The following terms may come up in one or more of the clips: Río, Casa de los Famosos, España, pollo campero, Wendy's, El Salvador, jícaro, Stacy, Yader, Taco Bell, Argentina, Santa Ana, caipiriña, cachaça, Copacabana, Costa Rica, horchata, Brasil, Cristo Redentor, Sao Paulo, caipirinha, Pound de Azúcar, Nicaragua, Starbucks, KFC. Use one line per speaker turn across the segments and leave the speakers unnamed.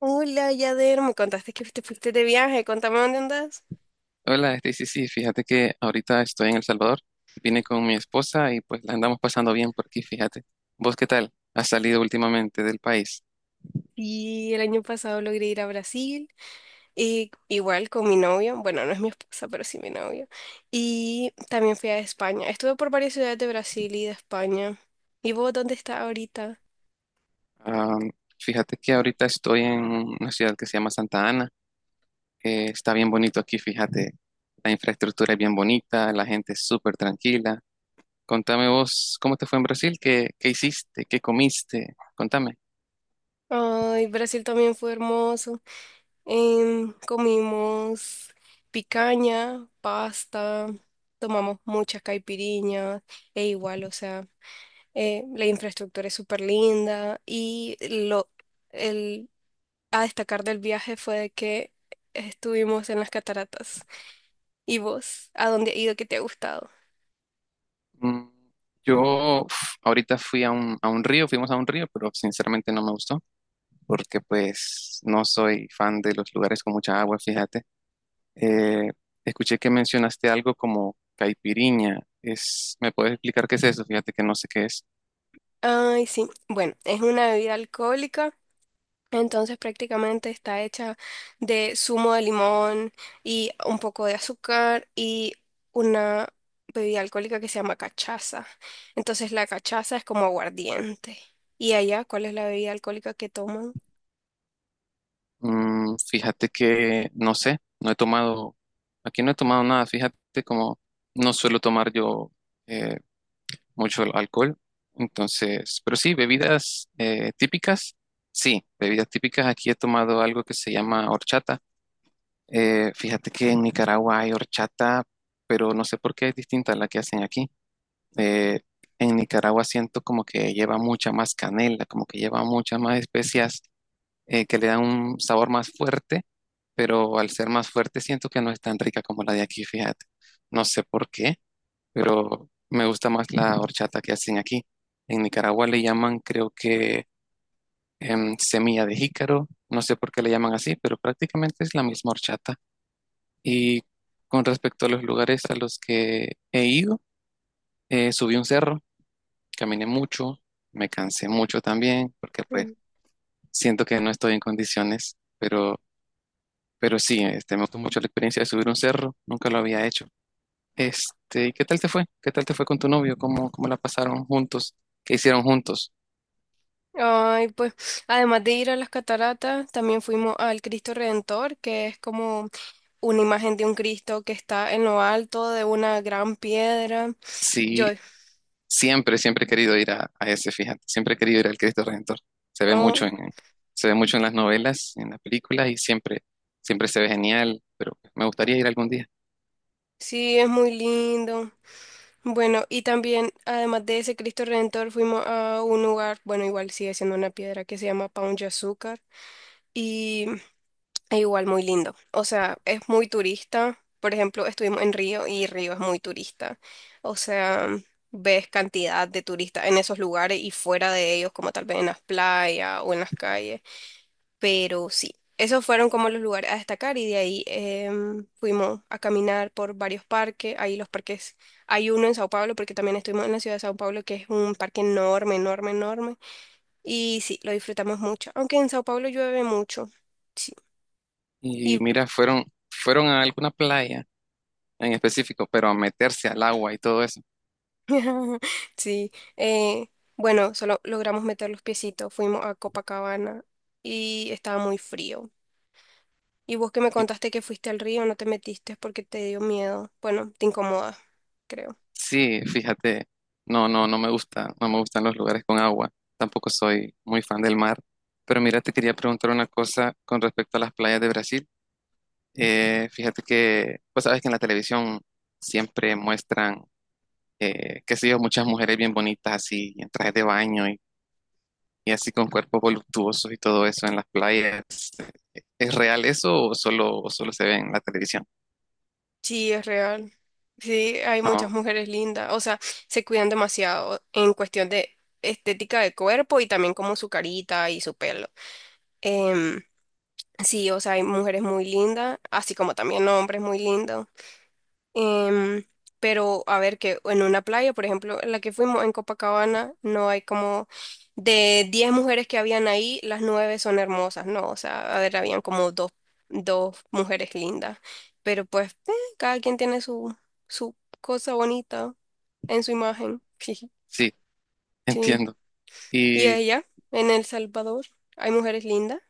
Hola, Yader, me contaste que te fuiste de viaje, contame dónde andas.
Hola, Stacy. Sí, fíjate que ahorita estoy en El Salvador. Vine con mi esposa y pues la andamos pasando bien por aquí, fíjate. ¿Vos qué tal? ¿Has salido últimamente del país?
Y el año pasado logré ir a Brasil, y igual con mi novio, bueno, no es mi esposa, pero sí mi novio. Y también fui a España. Estuve por varias ciudades de Brasil y de España. ¿Y vos dónde estás ahorita?
Ah, Fíjate que ahorita estoy en una ciudad que se llama Santa Ana. Está bien bonito aquí, fíjate. La infraestructura es bien bonita, la gente es súper tranquila. Contame vos, ¿cómo te fue en Brasil? ¿Qué hiciste? ¿Qué comiste? Contame.
Ay, Brasil también fue hermoso. Comimos picaña, pasta, tomamos muchas caipiriñas, e igual, o sea. La infraestructura es súper linda y el, a destacar del viaje fue de que estuvimos en las cataratas. ¿Y vos? ¿A dónde has ido que te ha gustado?
Mm, yo uf, ahorita fui a un río, fuimos a un río, pero sinceramente no me gustó porque pues no soy fan de los lugares con mucha agua, fíjate. Eh, Escuché que mencionaste algo como caipirinha. Es, ¿me puedes explicar qué es eso? Fíjate que no sé qué es.
Ay, sí. Bueno, es una bebida alcohólica. Entonces prácticamente está hecha de zumo de limón y un poco de azúcar y una bebida alcohólica que se llama cachaza. Entonces la cachaza es como aguardiente. ¿Y allá cuál es la bebida alcohólica que toman?
Fíjate que no sé, no he tomado, aquí no he tomado nada, fíjate como no suelo tomar yo. eh, Mucho alcohol. Entonces, pero sí, bebidas típicas. Sí, bebidas típicas. Aquí he tomado algo que se llama horchata. Fíjate que en Nicaragua hay horchata, pero no sé por qué es distinta a la que hacen aquí. Eh, en Nicaragua siento como que lleva mucha más canela, como que lleva muchas más especias que le dan un sabor más fuerte, pero al ser más fuerte siento que no es tan rica como la de aquí, fíjate. No sé por qué pero me gusta más la horchata que hacen aquí. En Nicaragua le llaman, creo que semilla de jícaro, no sé por qué le llaman así, pero prácticamente es la misma horchata. Y con respecto a los lugares a los que he ido, subí un cerro, caminé mucho, me cansé mucho también, porque pues
Mm.
siento que no estoy en condiciones, pero sí, este, me gustó mucho la experiencia de subir un cerro, nunca lo había hecho. Este, ¿y qué tal te fue? ¿Qué tal te fue con tu novio? ¿Cómo la pasaron juntos? ¿Qué hicieron juntos?
Ay, pues además de ir a las cataratas, también fuimos al Cristo Redentor, que es como una imagen de un Cristo que está en lo alto de una gran piedra. Yo,
Sí, siempre, siempre he querido ir a ese, fíjate, siempre he querido ir al Cristo Redentor. Se ve mucho
oh,
en, se ve mucho en las novelas, en las películas y siempre, siempre se ve genial, pero me gustaría ir algún día.
sí, es muy lindo. Bueno, y también, además de ese Cristo Redentor, fuimos a un lugar, bueno, igual sigue siendo una piedra que se llama Paun Azúcar y es igual muy lindo. O sea, es muy turista. Por ejemplo, estuvimos en Río y Río es muy turista. O sea, ves cantidad de turistas en esos lugares y fuera de ellos, como tal vez en las playas o en las calles. Pero sí, esos fueron como los lugares a destacar y de ahí fuimos a caminar por varios parques. Ahí los parques, hay uno en Sao Paulo porque también estuvimos en la ciudad de Sao Paulo que es un parque enorme, enorme, enorme. Y sí, lo disfrutamos mucho, aunque en Sao Paulo llueve mucho. Sí,
Y
y
mira, fueron, fueron a alguna playa en específico, pero a meterse al agua y todo eso.
sí, eh, bueno, solo logramos meter los piecitos, fuimos a Copacabana y estaba muy frío. Y vos que me
Y
contaste que fuiste al río, no te metiste porque te dio miedo. Bueno, te incomoda, creo.
sí, fíjate, no, no me gusta, no me gustan los lugares con agua. Tampoco soy muy fan del mar. Pero mira, te quería preguntar una cosa con respecto a las playas de Brasil. Fíjate que, pues sabes que en la televisión siempre muestran, qué sé yo, muchas mujeres bien bonitas así, en trajes de baño y así con cuerpos voluptuosos y todo eso en las playas. ¿Es real eso o o solo se ve en la televisión?
Sí, es real. Sí, hay muchas
No,
mujeres lindas. O sea, se cuidan demasiado en cuestión de estética de cuerpo y también como su carita y su pelo. Em, sí, o sea, hay mujeres muy lindas, así como también hombres muy lindos. Em, pero a ver, que en una playa, por ejemplo, en la que fuimos en Copacabana, no hay como de 10 mujeres que habían ahí, las 9 son hermosas, ¿no? O sea, a ver, habían como dos mujeres lindas, pero pues cada quien tiene su cosa bonita en su imagen.
sí,
Sí.
entiendo.
¿Y
Y
ella? ¿En El Salvador? ¿Hay mujeres lindas?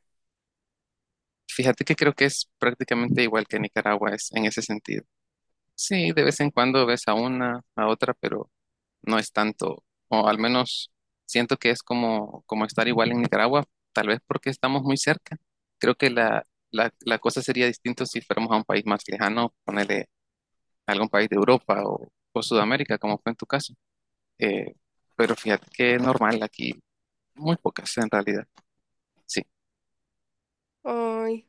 fíjate que creo que es prácticamente igual que Nicaragua es en ese sentido. Sí, de vez en cuando ves a una, a otra, pero no es tanto, o al menos siento que es como, como estar igual en Nicaragua, tal vez porque estamos muy cerca. Creo que la cosa sería distinta si fuéramos a un país más lejano, ponerle algún país de Europa o Sudamérica, como fue en tu caso. Eh, pero fíjate que es normal aquí, muy pocas en realidad. Sí,
Ay.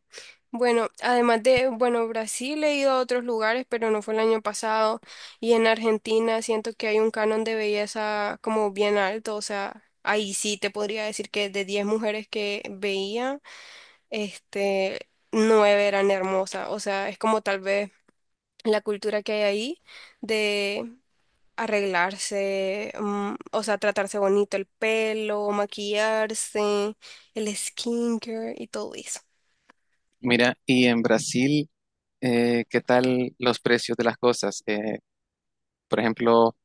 Bueno, además de, bueno, Brasil he ido a otros lugares, pero no fue el año pasado. Y en Argentina siento que hay un canon de belleza como bien alto. O sea, ahí sí te podría decir que de 10 mujeres que veía, este, 9 eran hermosas. O sea, es como tal vez la cultura que hay ahí de arreglarse, o sea, tratarse bonito el pelo, maquillarse, el skincare y todo eso.
mira, y en Brasil, ¿qué tal los precios de las cosas? Por ejemplo,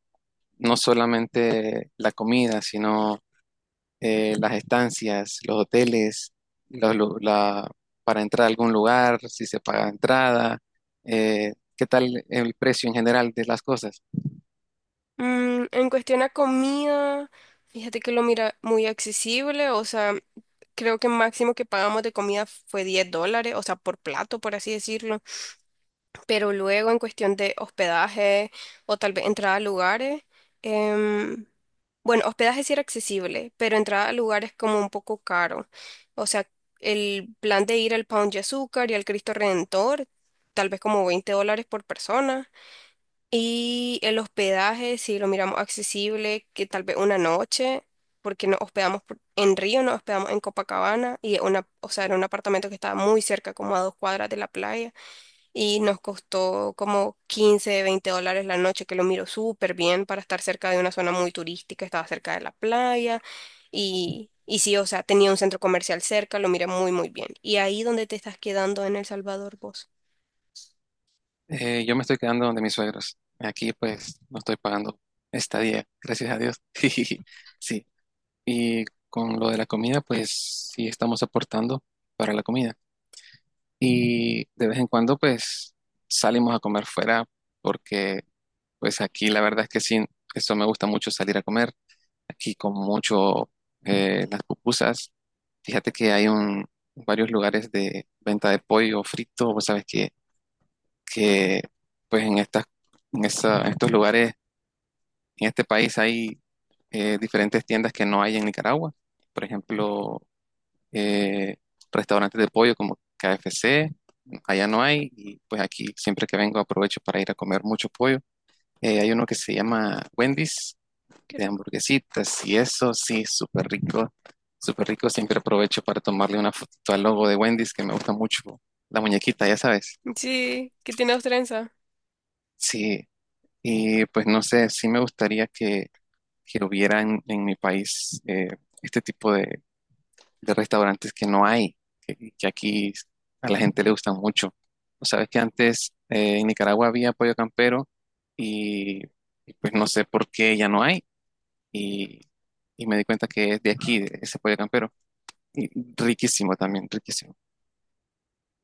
no solamente la comida, sino las estancias, los hoteles, los lu- la- para entrar a algún lugar, si se paga entrada, qué tal el precio en general de las cosas.
En cuestión a comida, fíjate que lo mira muy accesible, o sea, creo que máximo que pagamos de comida fue 10 dólares, o sea, por plato, por así decirlo. Pero luego en cuestión de hospedaje o tal vez entrada a lugares, em, bueno, hospedaje sí era accesible, pero entrada a lugares como un poco caro. O sea, el plan de ir al Pound de Azúcar y al Cristo Redentor, tal vez como 20 dólares por persona. Y el hospedaje, si lo miramos accesible, que tal vez una noche, porque nos hospedamos en Río, nos hospedamos en Copacabana, y una, o sea, era un apartamento que estaba muy cerca, como a dos cuadras de la playa, y nos costó como 15 20 dólares la noche, que lo miro súper bien para estar cerca de una zona muy turística, estaba cerca de la playa, y sí, o sea, tenía un centro comercial cerca, lo miré muy, muy bien. ¿Y ahí donde te estás quedando en El Salvador vos?
Yo me estoy quedando donde mis suegros. Aquí pues no estoy pagando estadía, gracias a Dios. Sí, y con lo de la comida pues sí estamos aportando para la comida. Y de vez en cuando pues salimos a comer fuera porque pues aquí la verdad es que sí, eso me gusta mucho salir a comer aquí como mucho las pupusas. Fíjate que varios lugares de venta de pollo frito. Vos sabes que pues en estos lugares, en este país hay diferentes tiendas que no hay en Nicaragua. Por ejemplo, eh, restaurantes de pollo como KFC, allá no hay. Y pues aquí siempre que vengo aprovecho para ir a comer mucho pollo. Hay uno que se llama Wendy's,
Qué
de
rico.
hamburguesitas y eso, sí, súper rico, súper rico. Siempre aprovecho para tomarle una fotito al logo de Wendy's, que me gusta mucho, la muñequita, ya sabes.
Sí, ¿qué tiene trenza?
Sí, y pues no sé, sí me gustaría que hubiera en mi país este tipo de restaurantes que no hay, que aquí a la gente le gustan mucho. O sabes que antes en Nicaragua había pollo campero y, y pues no sé por qué ya no hay. Y, y me di cuenta que es de aquí, de ese pollo campero. Y riquísimo también, riquísimo.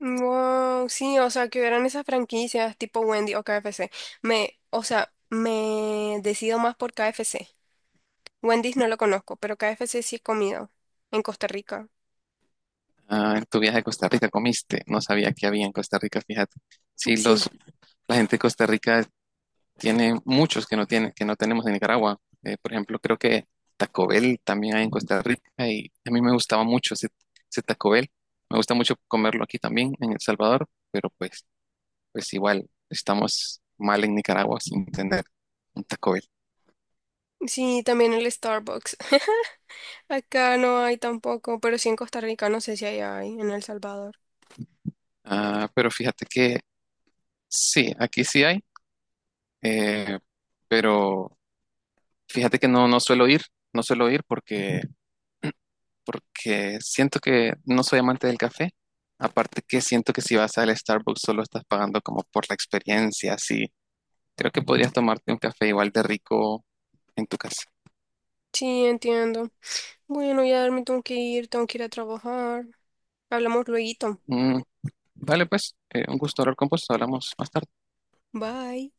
Wow, sí, o sea, que hubieran esas franquicias tipo Wendy o KFC. O sea, me decido más por KFC. Wendy's no lo conozco, pero KFC sí he comido en Costa Rica.
Ah, en tu viaje a Costa Rica comiste, no sabía que había en Costa Rica, fíjate. Sí,
Sí,
los, la gente de Costa Rica tiene muchos que no tienen que no tenemos en Nicaragua. Por ejemplo, creo que Taco Bell también hay en Costa Rica y a mí me gustaba mucho ese, ese Taco Bell. Me gusta mucho comerlo aquí también, en El Salvador, pero pues, pues igual estamos mal en Nicaragua sin tener un Taco Bell.
sí, también el Starbucks. Acá no hay tampoco, pero sí en Costa Rica, no sé si hay en El Salvador.
Ah, pero fíjate que sí, aquí sí hay, eh, pero fíjate que no, no suelo ir, no suelo ir porque, porque siento que no soy amante del café. Aparte que siento que si vas al Starbucks solo estás pagando como por la experiencia, así. Creo que podrías tomarte un café igual de rico en tu casa.
Sí, entiendo. Bueno, ya me tengo que ir a trabajar. Hablamos luego.
Mm, vale, pues, un gusto hablar con vos. Hablamos más tarde.
Bye.